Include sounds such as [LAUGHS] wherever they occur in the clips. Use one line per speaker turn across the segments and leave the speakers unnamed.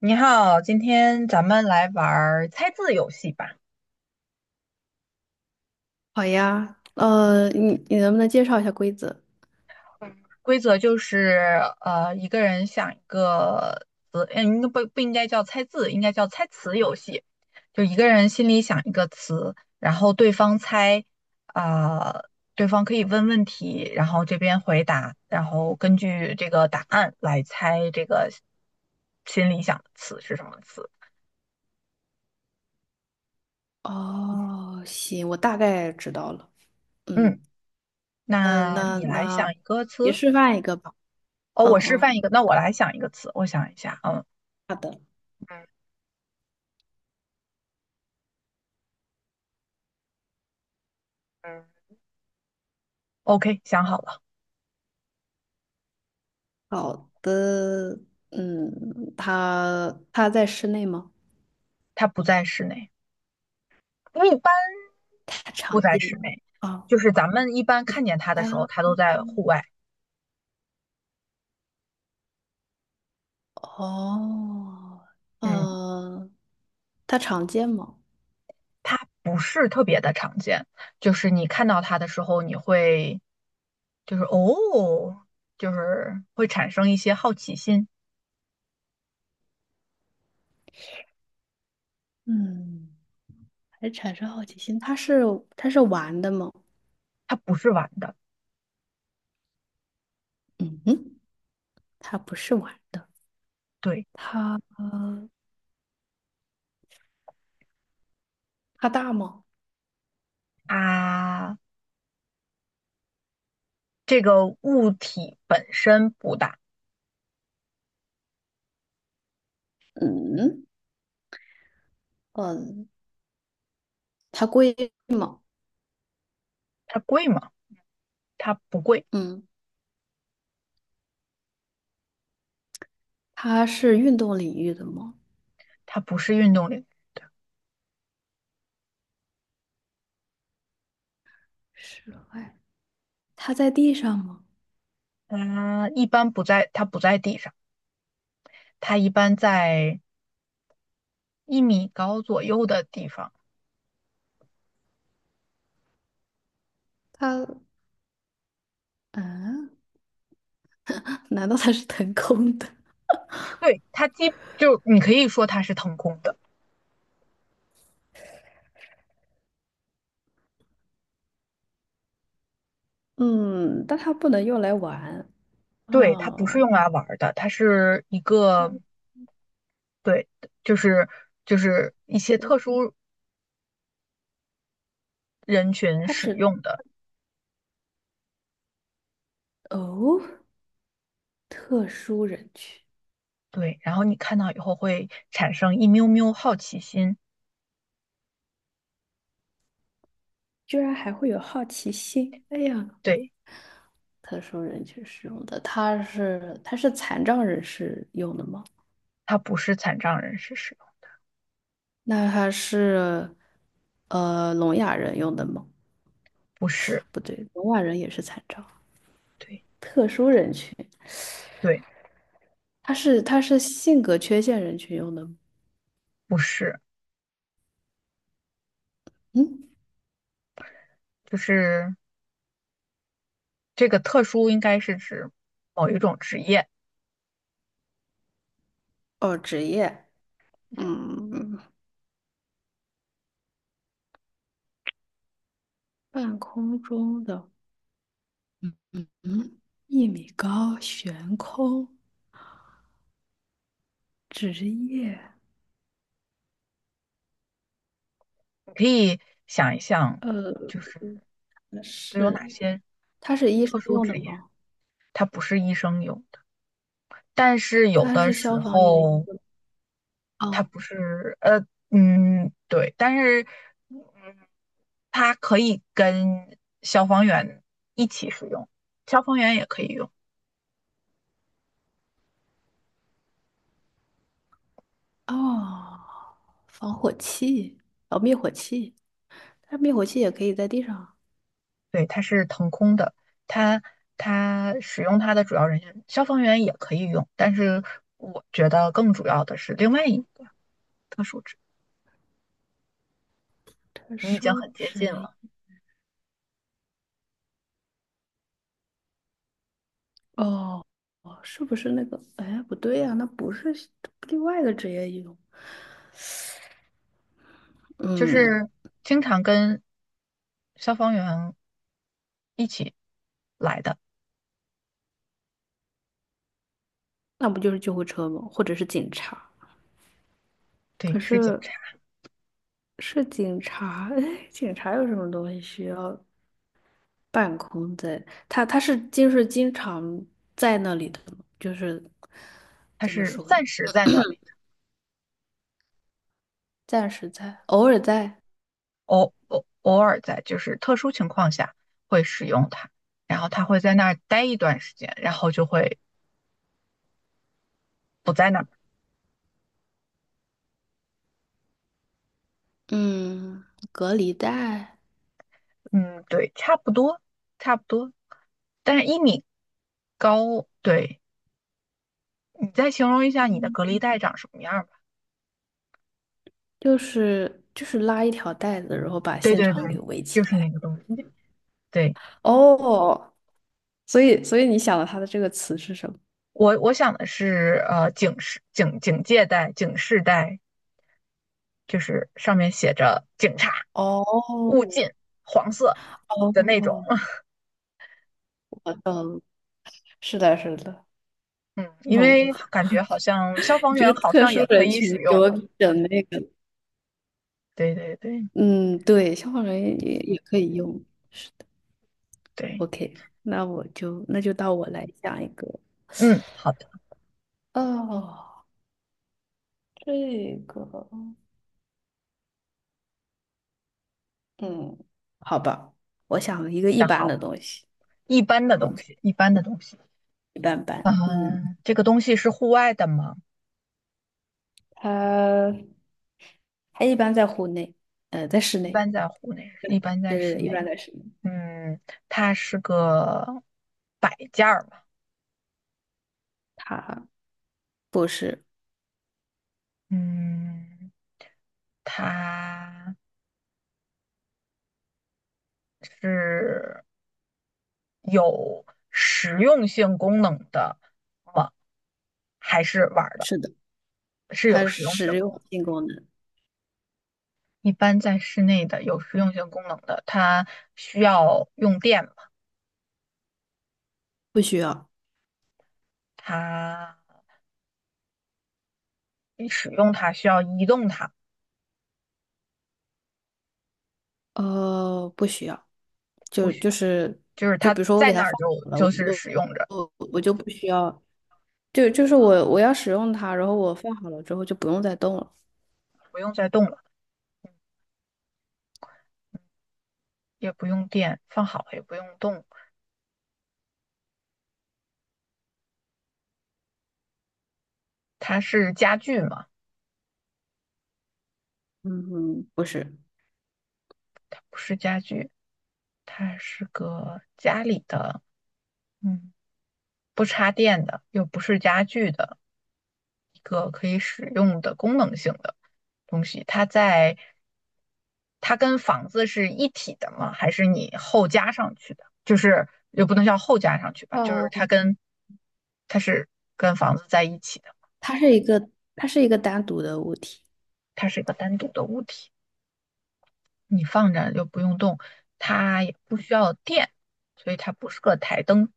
你好，今天咱们来玩儿猜字游戏吧。
好呀，你能不能介绍一下规则？
规则就是，一个人想一个词，嗯，应该不应该叫猜字，应该叫猜词游戏。就一个人心里想一个词，然后对方猜，啊、对方可以问问题，然后这边回答，然后根据这个答案来猜这个心里想的词是什么词。
哦，行，我大概知道了。
嗯，
嗯，那
那
那
你来想
那
一个
你
词。
示范一个吧。
哦，
嗯
我示
嗯，
范一个，那我来想一个词，我想一下，嗯。
好的，
嗯嗯 OK，想好了，
好的。嗯，他在室内吗？
它不在室内，因为一般
他常
不在
见
室内，
啊，
就是咱们一般
一
看见它的时候，
般
它都在户外。
哦，
嗯，
嗯，他常见吗？
它不是特别的常见，就是你看到它的时候，你会就是哦，就是会产生一些好奇心。
嗯，还产生好奇心。他是玩的吗？
它不是玩的，
嗯哼，它不是玩的。
对，
它它大吗？
啊，这个物体本身不大，
嗯嗯，它贵吗？
它贵吗？它不贵，
嗯，它是运动领域的吗？
它不是运动领域，
室外，它在地上吗？
它一般不在，它不在地上。它一般在一米高左右的地方。
它嗯，难道它是腾空的？
对，就你可以说它是腾空的，
嗯，但它不能用来玩，
对，它不是
哦
用来玩儿的，它是一个对，就是就是一些特殊人群
它
使
只
用的。
哦，特殊人群。
对，然后你看到以后会产生一喵喵好奇心。
居然还会有好奇心。哎呀，
对，
特殊人群使用的，它是残障人士用的吗？
它不是残障人士使用，
那他是聋哑人用的吗？
不是，
不对，聋哑人也是残障，
对
特殊人群。
对，
他是性格缺陷人群用的吗？
不是，
嗯，
就是这个特殊应该是指某一种职业。
哦，职业，
嗯。
嗯，半空中的，嗯，一米高悬空，职业，
你可以想一想，
呃，
就是都有哪
是
些
他是医生
特殊
用的
职业，
吗？
它不是医生有的，但是有
他
的
是
时
消防员。
候它
哦
不是，对，但是，嗯，它可以跟消防员一起使用，消防员也可以用，
哦，防火器，哦，灭火器，但是灭火器也可以在地上。
对，它是腾空的，它它使用它的主要人员，消防员也可以用，但是我觉得更主要的是另外一个特殊职业你已经
收
很接近
职
了。
哦哦，是不是那个？哎，不对呀、那不是另外一个职业一种。
就
嗯，
是经常跟消防员一起来的，
那不就是救护车吗？或者是警察？
对，
可
是警
是
察，
是警察，[LAUGHS] 哎，警察有什么东西需要办公在？他是就是经常在那里的吗？就是
他
怎么
是
说呢？
暂时在那里的，
暂时在，偶尔在，
偶尔在就是特殊情况下会使用它，然后他会在那儿待一段时间，然后就会不在那儿。
嗯，隔离带，
嗯，对，差不多，差不多，但是一米高，对，你再形容一下你的隔离带长什么样吧？
就是拉一条带子，然后把
对
现
对
场给
对，
围起
就是
来。
那个东西，对。
哦，所以你想的他的这个词是什么？
我想的是，警戒带、警示带，就是上面写着“警察
哦
勿近”黄色的那种。
哦，
[LAUGHS]
我懂，是的，是的，
嗯，因
哦，
为感觉好像消
[LAUGHS]
防
你这个
员好
特
像
殊
也可
人
以使
群给
用。
我整那个，
对对对
嗯，对，消防员也可以用。
对，
OK，那我就那就到我来讲一个，
嗯，好的，
哦，这个，嗯，好吧？我想了一个一
想好
般
了。
的东西
一般的东
，OK，
西，一般的东西。
一般般。嗯，
嗯，这个东西是户外的吗？
他他一般在户内，在室
一
内。
般在户内，一般在
对对
室
对，一
内。
般的使用
嗯，它是个摆件儿嘛。
它不是，
嗯，它。是有实用性功能的吗？还是玩儿的？
是的，
是有
它
实用性
实
功
用
能。
性功能
一般在室内的有实用性功能的，它需要用电嘛？
不需要，
它你使用它需要移动它，
不需要，
不
就
需
就
要，
是
就是
就比
它
如说我
在
给
那
它放
儿就
好了，我
就是
就
使用着，
我我就不需要，就是我要使用它，然后我放好了之后就不用再动了。
不用再动了，也不用电，放好了也不用动。它是家具吗？
嗯哼，不是，
不是家具，它是个家里的，嗯。不插电的，又不是家具的一个可以使用的功能性的东西。它在它跟房子是一体的吗？还是你后加上去的？就是又不能叫后加上去吧，就是
哦，
它跟它是跟房子在一起的，
它是一个它是一个单独的物体，
它是一个单独的物体，你放着又不用动，它也不需要电，所以它不是个台灯。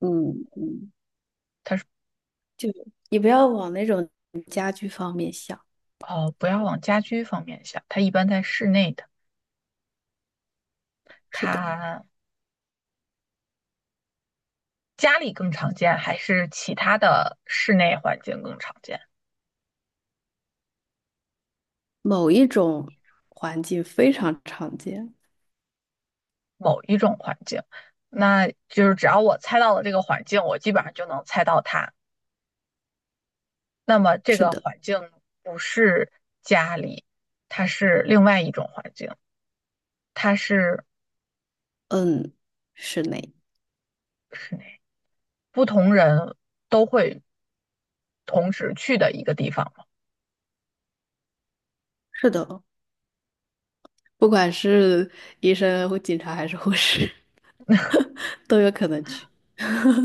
嗯嗯，就你不要往那种家居方面想，
哦，不要往家居方面想，它一般在室内的，
是的，
它家里更常见，还是其他的室内环境更常见？
某一种环境非常常见。
某一种环境，那就是只要我猜到了这个环境，我基本上就能猜到它。那么这
是
个
的，
环境不是家里，它是另外一种环境，它是
嗯，室内，
室内，不同人都会同时去的一个地方嘛，
是的，不管是医生或警察还是护士，[LAUGHS] 都有可能去。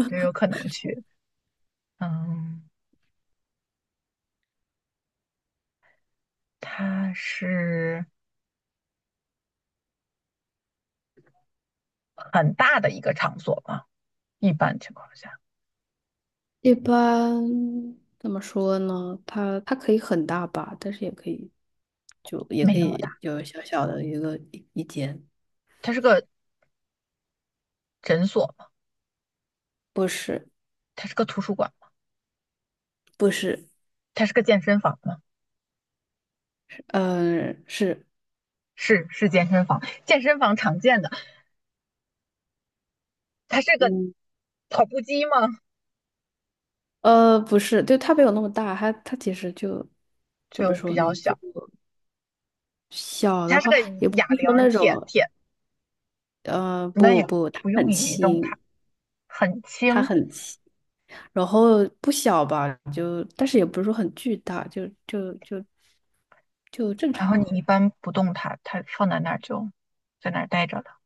就有可能去。嗯，它是很大的一个场所嘛，一般情况下
一般怎么说呢？它它可以很大吧，但是也可以，就也
没
可
那么大，
以有小小的一个一间。
它是个诊所。
不是，
它是个图书馆吗？
不是，
它是个健身房吗？
嗯、是，
是是健身房，健身房常见的。它是个
嗯，
跑步机吗？
不是，就它没有那么大，它它其实就怎么
就比
说
较
呢？就
小。
小的
它是
话，
个
也不
哑
是
铃，
说那
铁
种，
铁，
呃，
那
不
也
不，它
不
很
用移动
轻，
它，很
它
轻。
很细，然后不小吧，就但是也不是说很巨大，就就正
然后你
常。
一般不动它，它放在那儿就在那儿待着了。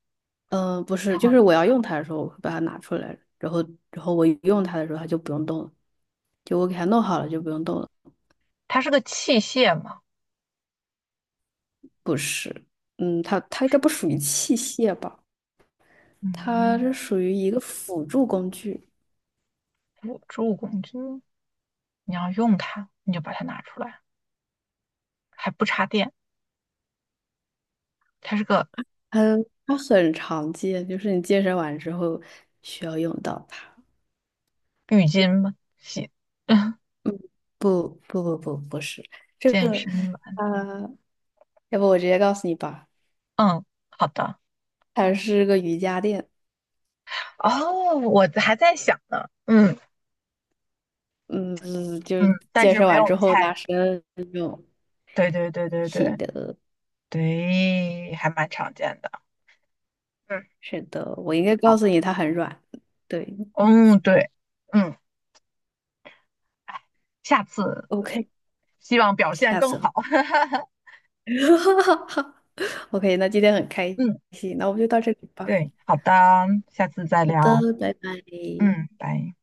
嗯、不是，
然
就
后
是我要用它的时候，我会把它拿出来，然后然后我用它的时候，它就不用动了，就我给它弄好了就不用动了。
它是个器械吗？
不是，嗯，它它
不
应该
是，
不属于器械吧？它
嗯，
是属于一个辅助工具，
辅助工具。你要用它，你就把它拿出来，还不插电。它是个
它它很常见，就是你健身完之后需要用到它。
浴巾吗？洗 [LAUGHS]
不是这
健
个，
身吧，
呃，要不我直接告诉你吧，
嗯，好的。
它是个瑜伽垫，
哦，我还在想呢，嗯
嗯，就
嗯，
是
但
健
是
身
没
完之
有
后拉
猜。
伸用。
对对对对
是
对
的，
对，还蛮常见的。嗯，
是的，我应该告
好，
诉你它很软。对
嗯对，嗯，哎，下次
，OK，
希望表现
下
更
次
好。
吧。
[LAUGHS]
[LAUGHS] OK，那今天很开
嗯，
心，那我们就到这里吧。
对，好的，下次再
好
聊。
的，拜拜。
嗯，拜。